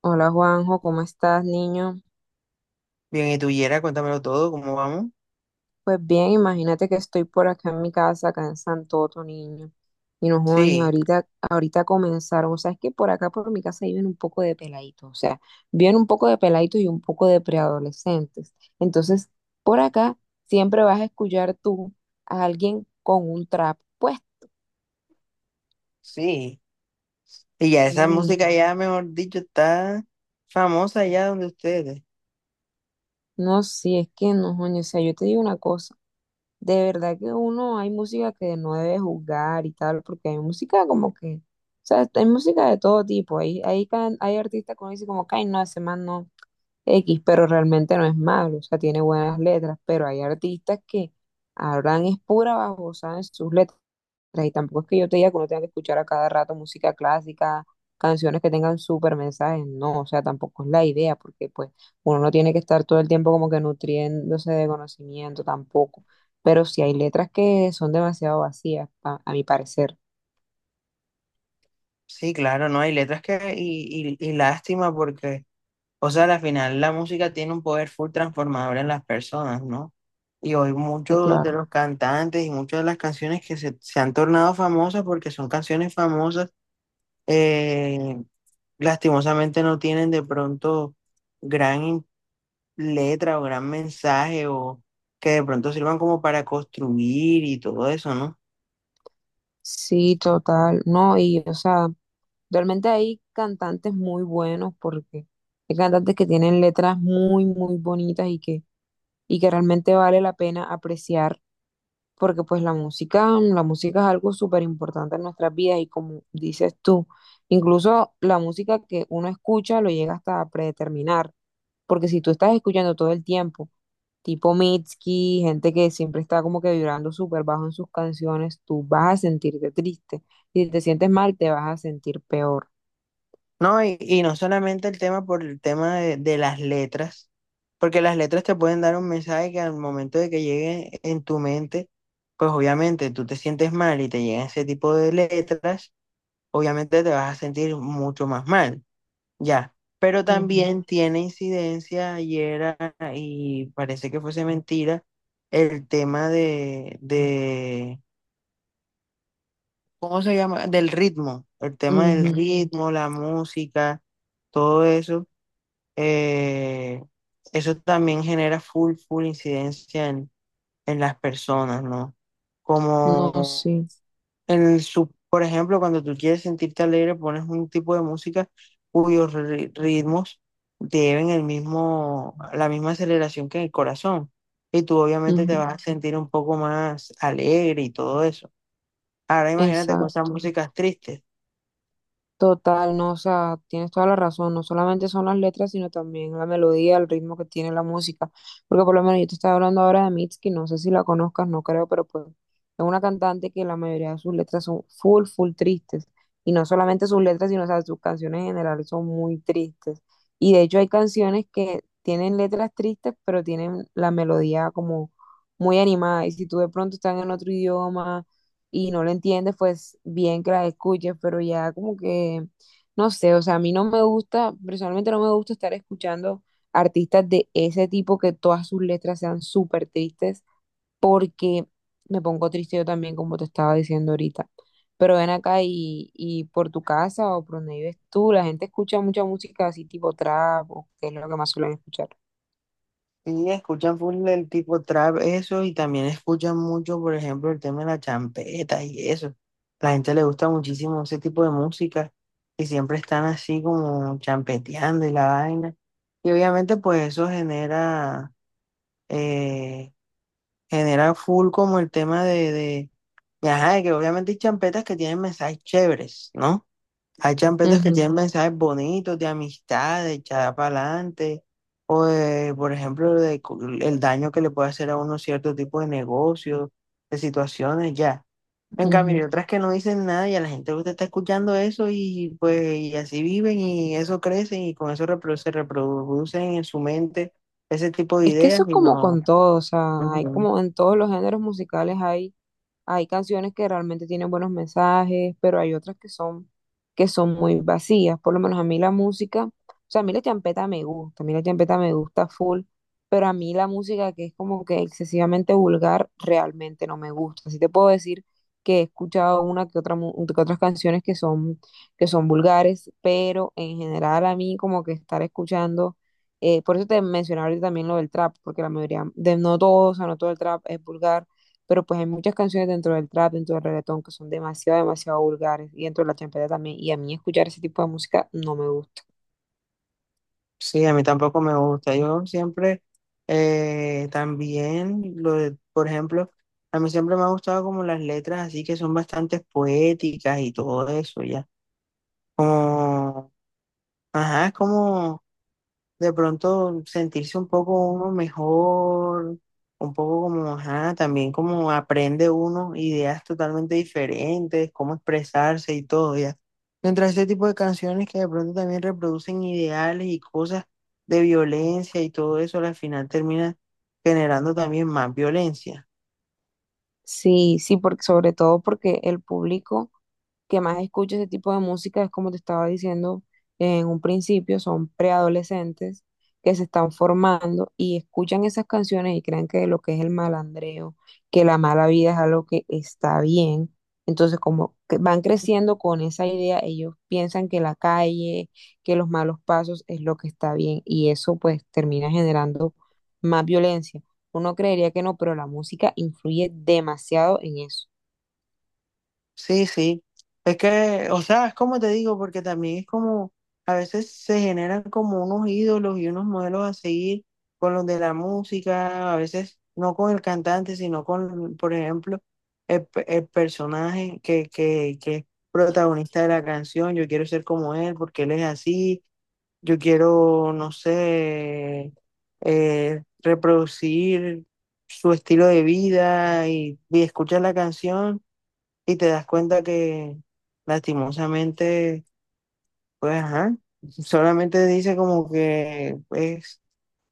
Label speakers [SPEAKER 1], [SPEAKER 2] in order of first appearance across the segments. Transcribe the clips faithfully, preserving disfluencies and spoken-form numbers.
[SPEAKER 1] Hola Juanjo, ¿cómo estás, niño?
[SPEAKER 2] Bien, y tú, Yera, cuéntamelo todo, ¿cómo vamos?
[SPEAKER 1] Pues bien, imagínate que estoy por acá en mi casa, acá en Santoto, niño. Y no jodas, ni
[SPEAKER 2] Sí,
[SPEAKER 1] ahorita, ahorita comenzaron, o sea, es que por acá por mi casa viven un poco de peladitos, o sea, viven un poco de peladitos y un poco de preadolescentes. Entonces, por acá siempre vas a escuchar tú a alguien con un trap puesto.
[SPEAKER 2] sí. Y ya
[SPEAKER 1] Sí,
[SPEAKER 2] esa música
[SPEAKER 1] uno.
[SPEAKER 2] ya, mejor dicho, está famosa allá donde ustedes.
[SPEAKER 1] No, sí, es que no, jodas, o sea, yo te digo una cosa. De verdad que uno hay música que no debe juzgar y tal, porque hay música como que, o sea, hay música de todo tipo. Hay, hay, can- hay artistas que uno dice como, ay, no, ese man no X, pero realmente no es malo, o sea, tiene buenas letras, pero hay artistas que hablan es pura babosada en sus letras sea, y tampoco es que yo te diga que uno tenga que escuchar a cada rato música clásica, canciones que tengan súper mensajes, no, o sea, tampoco es la idea, porque pues uno no tiene que estar todo el tiempo como que nutriéndose de conocimiento tampoco, pero sí hay letras que son demasiado vacías, a, a mi parecer.
[SPEAKER 2] Sí, claro, ¿no? Hay letras que, y, y, y lástima porque, o sea, al final la música tiene un poder full transformador en las personas, ¿no? Y hoy
[SPEAKER 1] Sí,
[SPEAKER 2] muchos de
[SPEAKER 1] claro.
[SPEAKER 2] los cantantes y muchas de las canciones que se, se han tornado famosas porque son canciones famosas, eh, lastimosamente no tienen de pronto gran letra o gran mensaje o que de pronto sirvan como para construir y todo eso, ¿no?
[SPEAKER 1] Sí, total. No, y o sea, realmente hay cantantes muy buenos porque hay cantantes que tienen letras muy, muy bonitas y que, y que realmente vale la pena apreciar porque pues la música, mm, la música es algo súper importante en nuestras vidas y como dices tú, incluso la música que uno escucha lo llega hasta a predeterminar, porque si tú estás escuchando todo el tiempo, tipo Mitski, gente que siempre está como que vibrando súper bajo en sus canciones, tú vas a sentirte triste y si te sientes mal te vas a sentir peor.
[SPEAKER 2] No, y, y no solamente el tema por el tema de, de las letras, porque las letras te pueden dar un mensaje que al momento de que llegue en tu mente, pues obviamente tú te sientes mal y te llegan ese tipo de letras, obviamente te vas a sentir mucho más mal, ya. Pero
[SPEAKER 1] Ujú,
[SPEAKER 2] también tiene incidencia, ayer ah, y parece que fuese mentira, el tema de, de ¿Cómo se llama? Del ritmo, el tema del
[SPEAKER 1] ujú.
[SPEAKER 2] ritmo, la música, todo eso. eh, Eso también genera full, full incidencia en, en las personas, ¿no?
[SPEAKER 1] No,
[SPEAKER 2] Como
[SPEAKER 1] sí,
[SPEAKER 2] en su, por ejemplo, cuando tú quieres sentirte alegre, pones un tipo de música cuyos ri- ritmos deben el mismo, la misma aceleración que el corazón. Y tú obviamente te
[SPEAKER 1] ujú,
[SPEAKER 2] vas a sentir un poco más alegre y todo eso. Ahora imagínate con esas
[SPEAKER 1] exacto.
[SPEAKER 2] músicas tristes.
[SPEAKER 1] Total, no, o sea, tienes toda la razón, no solamente son las letras, sino también la melodía, el ritmo que tiene la música, porque por lo menos yo te estaba hablando ahora de Mitski, no sé si la conozcas, no creo, pero pues es una cantante que la mayoría de sus letras son full, full tristes, y no solamente sus letras, sino, o sea, sus canciones en general son muy tristes, y de hecho hay canciones que tienen letras tristes, pero tienen la melodía como muy animada, y si tú de pronto estás en otro idioma y no lo entiendes, pues bien que la escuches, pero ya como que, no sé, o sea, a mí no me gusta, personalmente no me gusta estar escuchando artistas de ese tipo que todas sus letras sean súper tristes, porque me pongo triste yo también, como te estaba diciendo ahorita. Pero ven acá y, y por tu casa o por donde vives tú, la gente escucha mucha música así tipo trap, o que es lo que más suelen escuchar.
[SPEAKER 2] Sí, escuchan full el tipo trap, eso, y también escuchan mucho, por ejemplo, el tema de la champeta y eso. La gente le gusta muchísimo ese tipo de música y siempre están así como champeteando y la vaina. Y obviamente pues eso genera, eh, genera full como el tema de, de, de, ajá, de que obviamente hay champetas que tienen mensajes chéveres, ¿no? Hay champetas que
[SPEAKER 1] Ujú,
[SPEAKER 2] tienen mensajes bonitos, de amistad, de echar para adelante, o de, por ejemplo, de cu- el daño que le puede hacer a uno cierto tipo de negocios, de situaciones, ya. En cambio, hay
[SPEAKER 1] ujú.
[SPEAKER 2] otras que no dicen nada y a la gente le gusta estar escuchando eso y pues y así viven y eso crecen y con eso repro- se reproducen en su mente ese tipo de
[SPEAKER 1] Es que
[SPEAKER 2] ideas
[SPEAKER 1] eso es
[SPEAKER 2] y
[SPEAKER 1] como
[SPEAKER 2] no.
[SPEAKER 1] con todo, o sea, hay como en todos los géneros musicales hay hay canciones que realmente tienen buenos mensajes, pero hay otras que son, que son muy vacías. Por lo menos a mí la música, o sea, a mí la champeta me gusta, a mí la champeta me gusta full, pero a mí la música que es como que excesivamente vulgar realmente no me gusta. Así te puedo decir que he escuchado una que otra, mu- que otras canciones que son, que son vulgares, pero en general a mí como que estar escuchando, eh, por eso te mencionaba ahorita también lo del trap, porque la mayoría, de, no todo, o sea, no todo el trap es vulgar pero pues hay muchas canciones dentro del trap, dentro del reggaetón, que son demasiado, demasiado vulgares, y dentro de la champeta también. Y a mí escuchar ese tipo de música no me gusta.
[SPEAKER 2] Sí, a mí tampoco me gusta. Yo siempre eh, también, lo, de- por ejemplo, a mí siempre me ha gustado como las letras así que son bastante poéticas y todo eso, ya. Como, ajá, es como de pronto sentirse un poco uno mejor, un poco como, ajá, también como aprende uno ideas totalmente diferentes, cómo expresarse y todo, ya. Mientras ese tipo de canciones que de pronto también reproducen ideales y cosas de violencia y todo eso, al final termina generando también más violencia.
[SPEAKER 1] Sí, sí, porque, sobre todo porque el público que más escucha ese tipo de música es como te estaba diciendo en un principio, son preadolescentes que se están formando y escuchan esas canciones y creen que lo que es el malandreo, que la mala vida es algo que está bien. Entonces, como que van creciendo con esa idea, ellos piensan que la calle, que los malos pasos es lo que está bien y eso pues termina generando más violencia. Uno creería que no, pero la música influye demasiado en eso.
[SPEAKER 2] Sí, sí. Es que, o sea, es como te digo, porque también es como, a veces se generan como unos ídolos y unos modelos a seguir con los de la música, a veces no con el cantante, sino con, por ejemplo, el, pe- el personaje que, que, que es protagonista de la canción. Yo quiero ser como él porque él es así. Yo quiero, no sé, eh, reproducir su estilo de vida y, y escuchar la canción y te das cuenta que lastimosamente, pues, ajá, solamente dice como que, pues,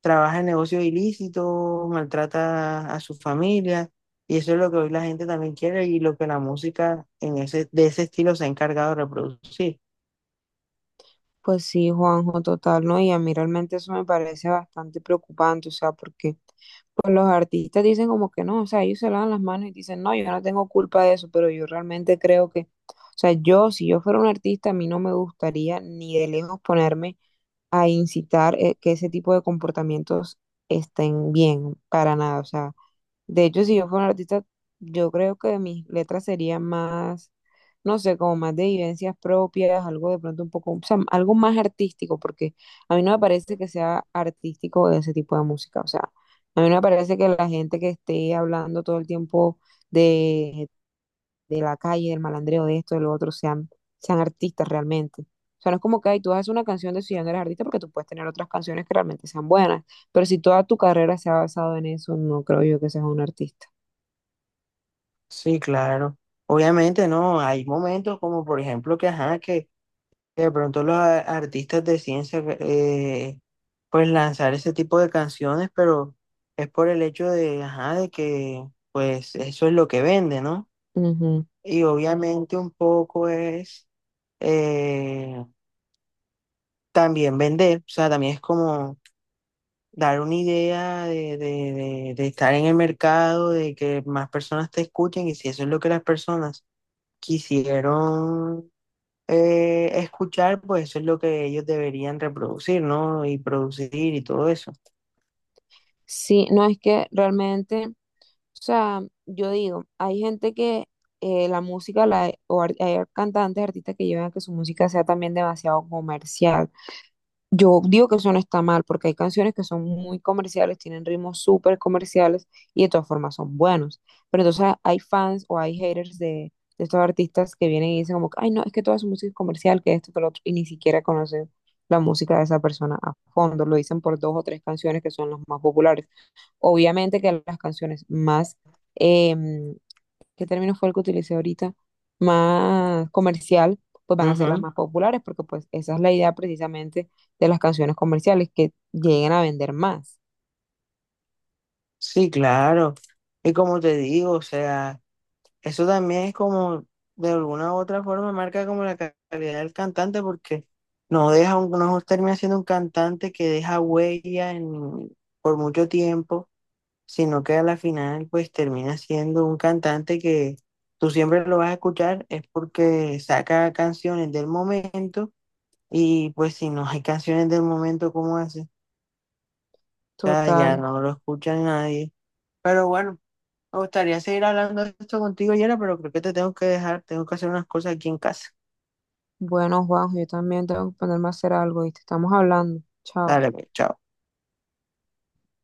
[SPEAKER 2] trabaja en negocios ilícitos, maltrata a su familia, y eso es lo que hoy la gente también quiere y lo que la música en ese, de ese estilo se ha encargado de reproducir.
[SPEAKER 1] Pues sí, Juanjo, total, ¿no? Y a mí realmente eso me parece bastante preocupante, o sea, porque pues los artistas dicen como que no, o sea, ellos se lavan las manos y dicen, no, yo no tengo culpa de eso, pero yo realmente creo que, o sea, yo, si yo fuera un artista, a mí no me gustaría ni de lejos ponerme a incitar eh, que ese tipo de comportamientos estén bien, para nada, o sea, de hecho, si yo fuera un artista, yo creo que mis letras serían más, no sé, como más de vivencias propias, algo de pronto un poco, o sea, algo más artístico, porque a mí no me parece que sea artístico ese tipo de música. O sea, a mí no me parece que la gente que esté hablando todo el tiempo de, de la calle, del malandreo, de esto, de lo otro, sean, sean artistas realmente. O sea, no es como que ay, tú haces una canción de si ya no eres artista, porque tú puedes tener otras canciones que realmente sean buenas. Pero si toda tu carrera se ha basado en eso, no creo yo que seas un artista.
[SPEAKER 2] Sí, claro. Obviamente, no, hay momentos como, por ejemplo, que, ajá, que de pronto los a- artistas de ciencia eh, pues lanzar ese tipo de canciones, pero es por el hecho de, ajá, de que pues eso es lo que vende, ¿no?
[SPEAKER 1] Ujú.
[SPEAKER 2] Y obviamente un poco es eh, también vender, o sea, también es como dar una idea de, de, de, de estar en el mercado, de que más personas te escuchen y si eso es lo que las personas quisieron eh, escuchar, pues eso es lo que ellos deberían reproducir, ¿no? Y producir y todo eso.
[SPEAKER 1] Sí, no es que realmente, o sea, yo digo, hay gente que eh, la música, la, o ar- hay cantantes, artistas que llevan a que su música sea también demasiado comercial. Yo digo que eso no está mal, porque hay canciones que son muy comerciales, tienen ritmos súper comerciales y de todas formas son buenos. Pero entonces hay fans o hay haters de, de estos artistas que vienen y dicen como, que, ay, no, es que toda su música es comercial, que esto, que lo otro, y ni siquiera conocen la música de esa persona a fondo. Lo dicen por dos o tres canciones que son las más populares. Obviamente que las canciones más, em, ¿qué término fue el que utilicé ahorita? Más comercial, pues van a ser las
[SPEAKER 2] Ujú.
[SPEAKER 1] más populares, porque pues esa es la idea precisamente de las canciones comerciales, que lleguen a vender más.
[SPEAKER 2] Sí, claro. Y como te digo, o sea, eso también es como, de alguna u otra forma, marca como la ca- calidad del cantante porque no deja, un, no termina siendo un cantante que deja huella en, por mucho tiempo, sino que a la final, pues termina siendo un cantante que tú siempre lo vas a escuchar, es porque saca canciones del momento. Y pues si no hay canciones del momento como ese, o sea, ya
[SPEAKER 1] Total.
[SPEAKER 2] no lo escucha nadie. Pero bueno, me gustaría seguir hablando de esto contigo, Yera, pero creo que te tengo que dejar, tengo que hacer unas cosas aquí en casa.
[SPEAKER 1] Bueno, Juanjo, yo también tengo que ponerme a hacer algo, ¿viste? Estamos hablando. Chao.
[SPEAKER 2] Dale, pues, chao.